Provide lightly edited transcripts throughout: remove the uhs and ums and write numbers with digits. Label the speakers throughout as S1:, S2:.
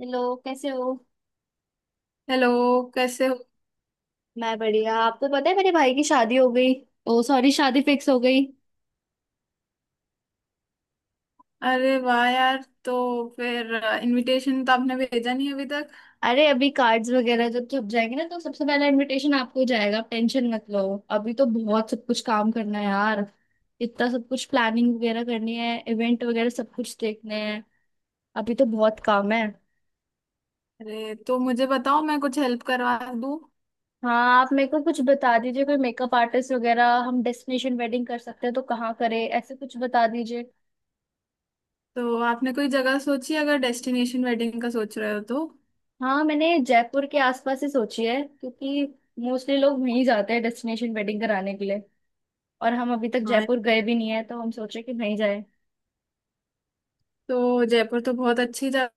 S1: Hello, कैसे हो।
S2: Hello, कैसे हो?
S1: मैं बढ़िया, आपको पता है मेरे भाई की शादी हो गई। ओ सॉरी, शादी फिक्स हो गई।
S2: अरे वाह यार। तो फिर इनविटेशन तो आपने भेजा नहीं अभी तक।
S1: अरे अभी कार्ड्स वगैरह जब छप जाएंगे ना तो सबसे पहला इनविटेशन आपको ही जाएगा, आप टेंशन मत लो। अभी तो बहुत सब कुछ काम करना है यार। इतना सब कुछ प्लानिंग वगैरह करनी है, इवेंट वगैरह सब कुछ देखने हैं। अभी तो बहुत काम है।
S2: अरे तो मुझे बताओ, मैं कुछ हेल्प करवा दूँ।
S1: हाँ आप मेरे को कुछ बता दीजिए, कोई मेकअप आर्टिस्ट वगैरह, हम डेस्टिनेशन वेडिंग कर सकते हैं तो कहाँ करें, ऐसे कुछ बता दीजिए।
S2: तो आपने कोई जगह सोची, अगर डेस्टिनेशन वेडिंग का सोच रहे हो तो?
S1: हाँ मैंने जयपुर के आसपास ही सोची है, क्योंकि मोस्टली लोग वहीं जाते हैं डेस्टिनेशन वेडिंग कराने के लिए। और हम अभी तक
S2: हाँ।
S1: जयपुर गए भी नहीं है तो हम सोचे कि वहीं जाए।
S2: तो जयपुर तो बहुत अच्छी जगह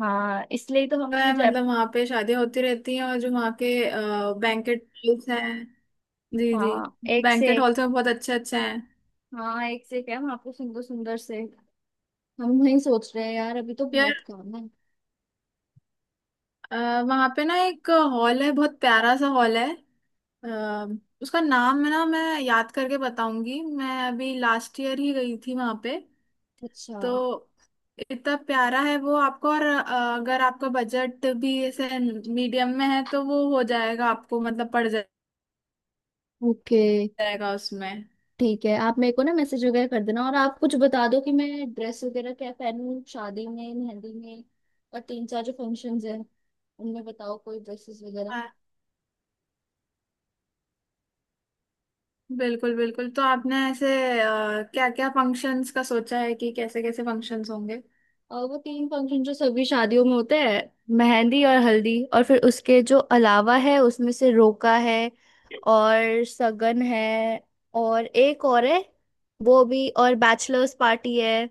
S1: हाँ इसलिए ही तो हमने
S2: है,
S1: जय।
S2: मतलब वहाँ पे शादियाँ होती रहती हैं और जो वहाँ के बैंकेट हॉल्स हैं। जी जी।
S1: हाँ एक से
S2: बैंकेट
S1: एक।
S2: हॉल्स में बहुत अच्छे अच्छे हैं।
S1: हाँ एक से एक है वहाँ पे, सुंदर सुंदर से। हम वहीं सोच रहे हैं यार, अभी तो बहुत काम है।
S2: वहां पे ना एक हॉल है, बहुत प्यारा सा हॉल है। अ, उसका नाम है ना, मैं याद करके बताऊंगी, मैं अभी लास्ट ईयर ही गई थी वहां पे।
S1: अच्छा।
S2: तो इतना प्यारा है वो आपको। और अगर आपका बजट भी ऐसे मीडियम में है तो वो हो जाएगा आपको, मतलब पड़
S1: ओके।
S2: जाएगा उसमें।
S1: ठीक है, आप मेरे को ना मैसेज वगैरह कर देना, और आप कुछ बता दो कि मैं ड्रेस वगैरह क्या पहनूं, शादी में, मेहंदी में, और तीन चार जो फंक्शंस हैं उनमें बताओ कोई ड्रेसेस वगैरह।
S2: आ, बिल्कुल बिल्कुल। तो आपने ऐसे क्या क्या फंक्शंस का सोचा है, कि कैसे कैसे फंक्शंस होंगे?
S1: और वो तीन फंक्शन जो सभी शादियों में होते हैं, मेहंदी और हल्दी, और फिर उसके जो अलावा है उसमें से रोका है, और सगन है, और एक और है वो भी, और बैचलर्स पार्टी है।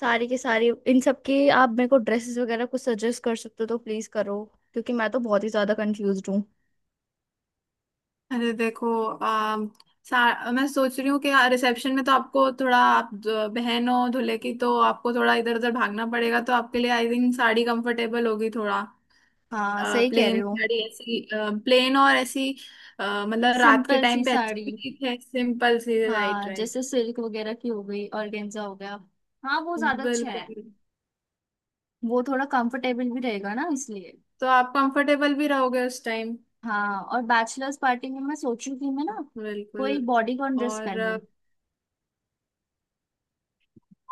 S1: सारी के सारी इन सब के आप मेरे को ड्रेसेस वगैरह कुछ सजेस्ट कर सकते हो तो प्लीज करो, क्योंकि मैं तो बहुत ही ज्यादा कंफ्यूज हूँ।
S2: अरे देखो, मैं सोच रही हूँ कि हाँ, रिसेप्शन में तो आपको थोड़ा, आप बहन हो दूल्हे की, तो आपको थोड़ा इधर उधर भागना पड़ेगा, तो आपके लिए आई थिंक साड़ी कंफर्टेबल होगी थोड़ा।
S1: हाँ सही कह रहे
S2: प्लेन
S1: हो।
S2: साड़ी ऐसी, प्लेन और ऐसी, मतलब रात के
S1: सिंपल सी
S2: टाइम पे अच्छी
S1: साड़ी।
S2: भी ठीक है, सिंपल सी। राइट
S1: हाँ
S2: राइट।
S1: जैसे सिल्क वगैरह की हो गई, ऑर्गेन्जा हो गया। हाँ वो ज्यादा अच्छा है।
S2: बिल्कुल।
S1: वो थोड़ा कंफर्टेबल भी रहेगा ना, इसलिए।
S2: तो आप कंफर्टेबल भी रहोगे उस टाइम।
S1: हाँ, और बैचलर्स पार्टी में मैं सोचू कि मैं ना
S2: बिल्कुल।
S1: कोई बॉडीकॉन ड्रेस
S2: और
S1: पहनूं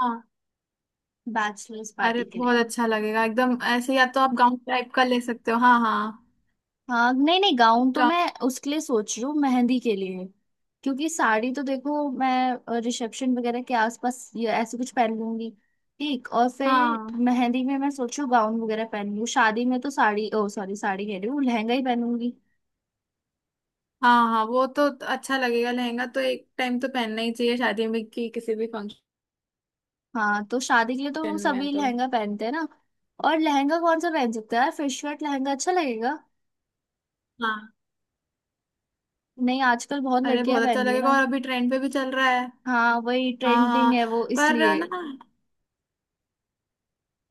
S2: हाँ।
S1: बैचलर्स
S2: अरे
S1: पार्टी के लिए।
S2: बहुत अच्छा लगेगा एकदम ऐसे, या तो आप गाउन टाइप का ले सकते हो। हाँ हाँ।
S1: हाँ नहीं नहीं, गाउन तो मैं
S2: गाउन।
S1: उसके लिए सोच रही हूँ, मेहंदी के लिए। क्योंकि साड़ी तो देखो मैं रिसेप्शन वगैरह के आसपास ये ऐसे कुछ पहन लूंगी। ठीक, और फिर
S2: हाँ
S1: मेहंदी में मैं सोचू गाउन वगैरह पहन लूँ। शादी में तो साड़ी, ओ सॉरी साड़ी कह रही हूँ, लहंगा ही पहनूंगी।
S2: हाँ हाँ। वो तो अच्छा लगेगा, लहंगा तो एक टाइम तो पहनना ही चाहिए शादी में कि किसी भी फंक्शन
S1: हाँ तो शादी के लिए तो वो
S2: में
S1: सभी
S2: तो।
S1: लहंगा पहनते हैं ना। और लहंगा कौन सा पहन सकते हैं यार, फिश कट लहंगा अच्छा लगेगा।
S2: हाँ।
S1: नहीं आजकल बहुत
S2: अरे
S1: लड़कियां
S2: बहुत अच्छा
S1: पहन रही है ना।
S2: लगेगा, और अभी ट्रेंड पे भी चल रहा है।
S1: हाँ वही
S2: हाँ
S1: ट्रेंडिंग
S2: हाँ।
S1: है वो,
S2: पर
S1: इसलिए।
S2: ना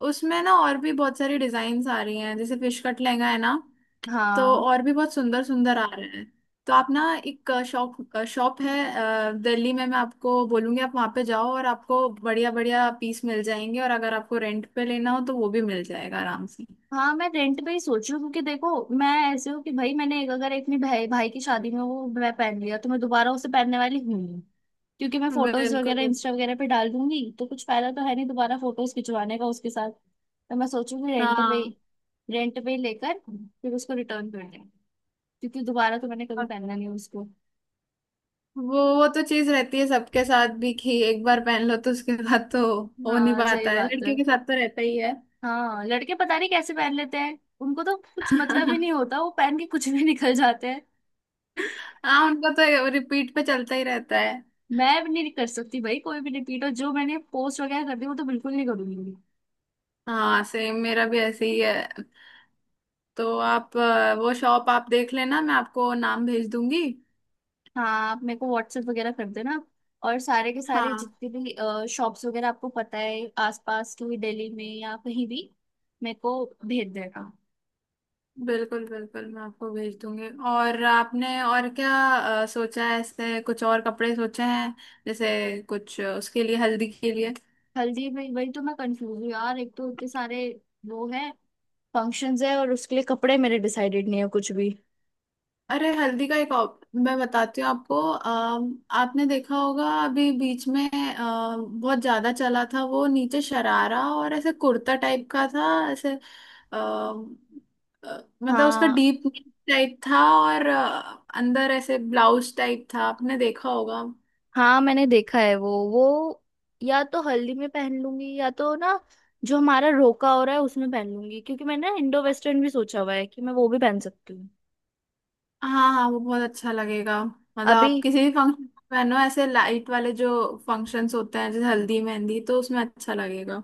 S2: उसमें ना और भी बहुत सारी डिजाइन्स आ रही हैं, जैसे फिश कट लहंगा है ना। तो
S1: हाँ।
S2: और भी बहुत सुंदर सुंदर आ रहे हैं। तो आप ना एक शॉप शॉप है दिल्ली में, मैं आपको बोलूंगी, आप वहाँ पे जाओ और आपको बढ़िया बढ़िया पीस मिल जाएंगे, और अगर आपको रेंट पे लेना हो तो वो भी मिल जाएगा आराम से।
S1: हाँ मैं रेंट पे ही सोच रही हूँ, क्योंकि देखो मैं ऐसे हूँ कि भाई मैंने एक, अगर एक अपने भाई भाई की शादी में वो मैं पहन लिया तो मैं दोबारा उसे पहनने वाली हूँ नहीं। क्योंकि मैं
S2: बिल्कुल
S1: फोटोज वगैरह
S2: बिल्कुल।
S1: इंस्टा वगैरह पे डाल दूंगी तो कुछ फायदा तो है नहीं दोबारा फोटोज खिंचवाने का उसके साथ, तो मैं सोचूंगी रेंट पे।
S2: हाँ।
S1: रेंट पे ही लेकर फिर उसको रिटर्न कर दें, क्योंकि दोबारा तो मैंने कभी
S2: और
S1: पहना नहीं उसको।
S2: वो तो चीज रहती है सबके साथ भी, कि एक बार पहन लो तो उसके बाद तो हो नहीं
S1: हाँ सही
S2: पाता है,
S1: बात है।
S2: लड़कियों के साथ तो रहता ही है।
S1: हाँ लड़के पता नहीं कैसे पहन लेते हैं, उनको तो कुछ मतलब ही नहीं होता, वो पहन के कुछ भी निकल जाते हैं।
S2: हाँ, उनका तो रिपीट पे चलता ही रहता है।
S1: मैं भी नहीं कर सकती भाई कोई भी रिपीट, और जो मैंने पोस्ट वगैरह कर दी वो तो बिल्कुल नहीं करूंगी।
S2: हाँ सेम मेरा भी ऐसे ही है। तो आप वो शॉप आप देख लेना, मैं आपको नाम भेज दूंगी।
S1: हाँ आप मेरे को व्हाट्सएप वगैरह कर देना, और सारे के सारे
S2: हाँ।
S1: जितने भी शॉप्स वगैरह आपको पता है आसपास की, दिल्ली में या कहीं भी, मेरे को भेज देना।
S2: बिल्कुल बिल्कुल, मैं आपको भेज दूंगी। और आपने और क्या सोचा है, ऐसे कुछ और कपड़े सोचे हैं, जैसे कुछ उसके लिए, हल्दी के लिए?
S1: हल्दी में वही तो मैं कंफ्यूज हूँ यार, एक तो इतने सारे वो है फंक्शंस है और उसके लिए कपड़े मेरे डिसाइडेड नहीं है कुछ भी।
S2: अरे हल्दी का एक ऑप मैं बताती हूँ आपको। आपने देखा होगा अभी बीच में बहुत ज्यादा चला था, वो नीचे शरारा और ऐसे कुर्ता टाइप का था ऐसे, अम, मतलब उसका
S1: हाँ
S2: डीप टाइप था, और अंदर ऐसे ब्लाउज टाइप था, आपने देखा होगा।
S1: हाँ मैंने देखा है वो। या तो हल्दी में पहन लूंगी, या तो ना जो हमारा रोका हो रहा है उसमें पहन लूंगी, क्योंकि मैंने ना इंडो वेस्टर्न भी सोचा हुआ है कि मैं वो भी पहन सकती हूँ।
S2: हाँ हाँ, वो बहुत अच्छा लगेगा, मतलब
S1: अभी,
S2: आप किसी भी फंक्शन पहनो, ऐसे लाइट वाले जो फंक्शंस होते हैं जैसे हल्दी मेहंदी, तो उसमें अच्छा लगेगा।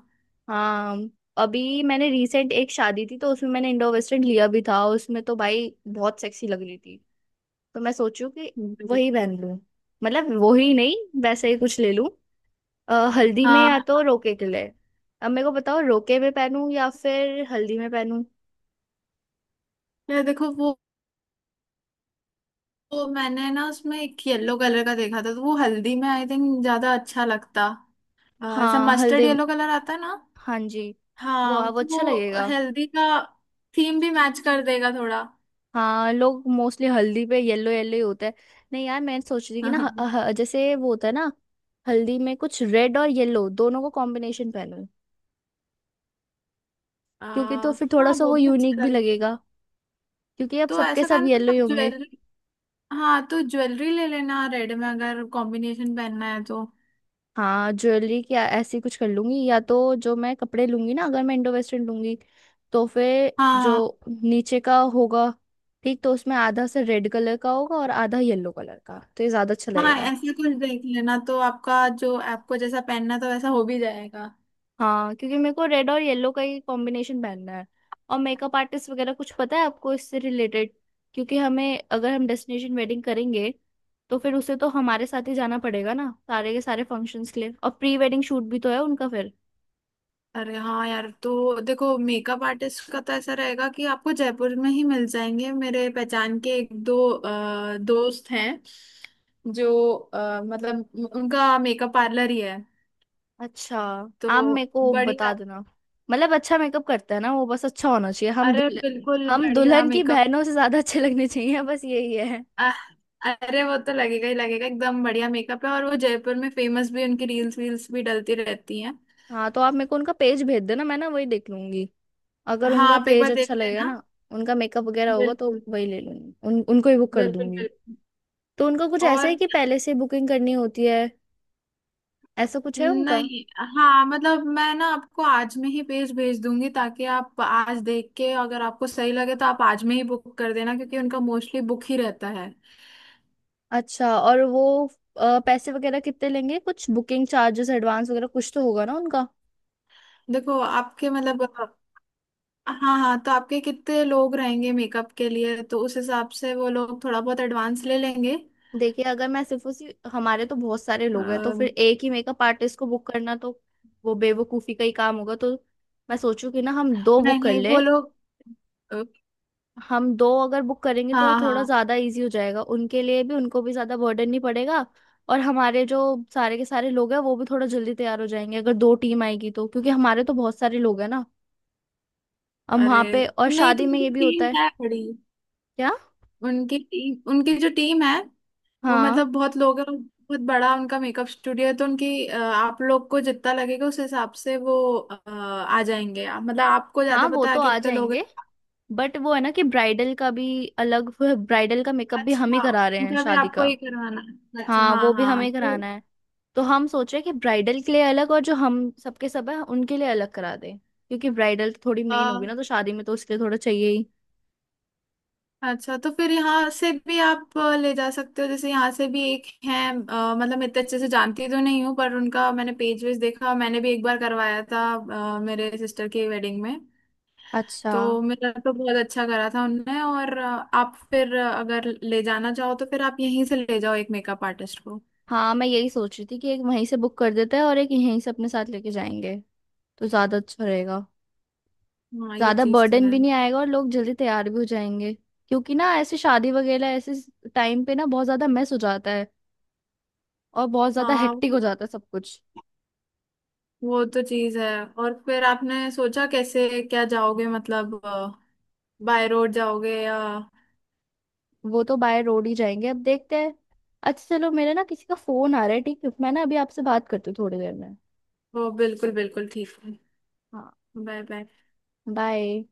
S1: हाँ, अभी मैंने रिसेंट एक शादी थी तो उसमें मैंने इंडो वेस्टर्न लिया भी था, उसमें तो भाई बहुत सेक्सी लग रही थी। तो मैं सोचू कि
S2: बिल्कुल।
S1: वही पहन लूँ, मतलब वही नहीं, वैसे ही कुछ ले लूं, हल्दी में या तो
S2: हाँ।
S1: रोके के लिए। अब मेरे को बताओ, रोके में पहनूं या फिर हल्दी में पहनूं।
S2: ये देखो वो, तो मैंने ना उसमें एक येलो कलर का देखा था, तो वो हल्दी में आई थिंक ज्यादा अच्छा लगता, ऐसा
S1: हाँ
S2: मस्टर्ड
S1: हल्दी।
S2: येलो कलर आता है ना।
S1: हाँ जी।
S2: हाँ,
S1: वो
S2: तो
S1: अच्छा
S2: वो
S1: लगेगा।
S2: हल्दी का थीम भी मैच कर देगा थोड़ा।
S1: हाँ लोग मोस्टली हल्दी पे येलो येलो ही होता है। नहीं यार मैं सोच रही थी कि ना,
S2: हाँ।
S1: ह, ह, जैसे वो होता है ना, हल्दी में कुछ रेड और येलो दोनों को कॉम्बिनेशन पहनूं,
S2: अ,
S1: क्योंकि तो फिर थोड़ा
S2: हाँ,
S1: सा
S2: वो
S1: वो
S2: भी
S1: यूनिक
S2: अच्छा
S1: भी
S2: लगेगा।
S1: लगेगा, क्योंकि अब
S2: तो
S1: सबके
S2: ऐसा
S1: सब
S2: करना
S1: येलो
S2: ना
S1: ही होंगे।
S2: ज्वेलरी, हाँ तो ज्वेलरी ले लेना रेड में, अगर कॉम्बिनेशन पहनना है तो।
S1: हाँ ज्वेलरी क्या ऐसी कुछ कर लूंगी, या तो जो मैं कपड़े लूंगी ना, अगर मैं इंडो वेस्टर्न लूंगी तो फिर जो
S2: हाँ
S1: नीचे का होगा, ठीक, तो उसमें आधा से रेड कलर का होगा और आधा येलो कलर का, तो ये ज्यादा अच्छा
S2: हाँ,
S1: लगेगा।
S2: ऐसा कुछ देख लेना, तो आपका जो आपको जैसा पहनना तो वैसा हो भी जाएगा।
S1: हाँ क्योंकि मेरे को रेड और येलो का ही कॉम्बिनेशन पहनना है। और मेकअप आर्टिस्ट वगैरह कुछ पता है आपको इससे रिलेटेड, क्योंकि हमें, अगर हम डेस्टिनेशन वेडिंग करेंगे तो फिर उसे तो हमारे साथ ही जाना पड़ेगा ना सारे के सारे फंक्शंस के लिए, और प्री वेडिंग शूट भी तो है उनका फिर।
S2: अरे हाँ यार, तो देखो मेकअप आर्टिस्ट का तो ऐसा रहेगा कि आपको जयपुर में ही मिल जाएंगे, मेरे पहचान के एक दो दोस्त हैं, जो मतलब उनका मेकअप पार्लर ही है।
S1: अच्छा,
S2: तो
S1: आप मेरे को बता
S2: बढ़िया।
S1: देना। मतलब अच्छा मेकअप करता है ना वो, बस अच्छा होना चाहिए, हम
S2: अरे
S1: दुल्हन,
S2: बिल्कुल
S1: हम
S2: बढ़िया
S1: दुल्हन की
S2: मेकअप।
S1: बहनों से ज्यादा अच्छे लगने चाहिए, बस यही है।
S2: अह, अरे वो तो लगेगा ही लगेगा, एकदम बढ़िया मेकअप है, और वो जयपुर में फेमस भी, उनकी रील्स वील्स भी डलती रहती हैं।
S1: हाँ तो आप मेरे को उनका पेज भेज देना, मैं ना वही देख लूंगी। अगर
S2: हाँ
S1: उनका
S2: आप एक
S1: पेज
S2: बार देख
S1: अच्छा लगेगा
S2: लेना।
S1: ना, उनका मेकअप वगैरह होगा, तो
S2: बिल्कुल
S1: वही ले लूंगी, उन उनको ही बुक कर
S2: बिल्कुल
S1: दूंगी।
S2: बिल्कुल।
S1: तो उनका कुछ ऐसा है
S2: और
S1: कि पहले से बुकिंग करनी होती है, ऐसा कुछ है उनका।
S2: नहीं, हाँ मतलब मैं ना आपको आज में ही पेज भेज दूंगी, ताकि आप आज देख के अगर आपको सही लगे तो आप आज में ही बुक कर देना, क्योंकि उनका मोस्टली बुक ही रहता है।
S1: अच्छा, और वो पैसे वगैरह कितने लेंगे, कुछ बुकिंग चार्जेस, एडवांस वगैरह कुछ तो होगा ना उनका।
S2: देखो आपके मतलब, हाँ हाँ, तो आपके कितने लोग रहेंगे मेकअप के लिए, तो उस हिसाब से वो लोग थोड़ा बहुत एडवांस ले लेंगे।
S1: देखिए अगर मैं सिर्फ उसी, हमारे तो बहुत सारे लोग हैं तो फिर
S2: अम,
S1: एक ही मेकअप आर्टिस्ट को बुक करना तो वो बेवकूफी का ही काम होगा, तो मैं सोचू कि ना हम दो
S2: नहीं
S1: बुक कर
S2: नहीं
S1: ले।
S2: वो लोग अ,
S1: हम दो अगर बुक करेंगे तो वो
S2: हाँ
S1: थोड़ा
S2: हाँ।
S1: ज्यादा इजी हो जाएगा उनके लिए भी, उनको भी ज्यादा बर्डन नहीं पड़ेगा। और हमारे जो सारे के सारे लोग हैं वो भी थोड़ा जल्दी तैयार हो जाएंगे अगर दो टीम आएगी तो, क्योंकि हमारे तो बहुत सारे लोग हैं ना। हम
S2: अरे
S1: वहाँ पे, और
S2: नहीं, तो
S1: शादी में ये
S2: उनकी
S1: भी होता
S2: टीम
S1: है।
S2: है बड़ी,
S1: क्या।
S2: उनकी टीम, उनकी जो टीम है वो,
S1: हाँ
S2: मतलब बहुत लोग हैं, बहुत बड़ा उनका मेकअप स्टूडियो है, तो उनकी आप लोग को जितना लगेगा उस हिसाब से वो आ जाएंगे। मतलब आपको
S1: हाँ
S2: ज्यादा
S1: वो
S2: पता
S1: तो
S2: है
S1: आ
S2: कितने लोग हैं।
S1: जाएंगे। बट वो है ना कि ब्राइडल का भी, अलग ब्राइडल का मेकअप भी हम ही
S2: अच्छा,
S1: करा रहे हैं
S2: उनका भी
S1: शादी
S2: आपको
S1: का।
S2: ही करवाना है, अच्छा
S1: हाँ वो
S2: हाँ
S1: भी
S2: हाँ
S1: हमें
S2: तो
S1: कराना है। तो हम सोच रहे हैं कि ब्राइडल के लिए अलग और जो हम सबके सब है उनके लिए अलग करा दें, क्योंकि ब्राइडल तो थोड़ी
S2: अ,
S1: मेन होगी ना तो शादी में, तो उसके लिए थोड़ा चाहिए ही।
S2: अच्छा, तो फिर यहाँ से भी आप ले जा सकते हो, जैसे यहाँ से भी एक है, मतलब मैं इतने अच्छे से जानती तो नहीं हूँ पर उनका मैंने पेज वेज देखा, मैंने भी एक बार करवाया था मेरे सिस्टर की वेडिंग में।
S1: अच्छा।
S2: तो मेरा तो बहुत अच्छा करा था उनने, और आप फिर अगर ले जाना चाहो तो फिर आप यहीं से ले जाओ एक मेकअप आर्टिस्ट को।
S1: हाँ मैं यही सोच रही थी कि एक वहीं से बुक कर देते हैं और एक यहीं से अपने साथ लेके जाएंगे, तो ज्यादा अच्छा रहेगा।
S2: हाँ ये
S1: ज्यादा
S2: चीज तो
S1: बर्डन
S2: है।
S1: भी नहीं आएगा और लोग जल्दी तैयार भी हो जाएंगे, क्योंकि ना ऐसे शादी वगैरह, ऐसे टाइम पे ना बहुत ज्यादा मेस हो जाता है, और बहुत ज्यादा
S2: हाँ
S1: हेक्टिक हो जाता है सब कुछ।
S2: वो तो चीज है। और फिर आपने सोचा कैसे क्या जाओगे, मतलब बाय रोड जाओगे या?
S1: वो तो बाय रोड ही जाएंगे, अब देखते हैं। अच्छा चलो, मेरे ना किसी का फोन आ रहा है, ठीक है मैं ना अभी आपसे बात करती हूँ थोड़ी देर में।
S2: वो बिल्कुल बिल्कुल ठीक है।
S1: हाँ
S2: बाय बाय।
S1: बाय।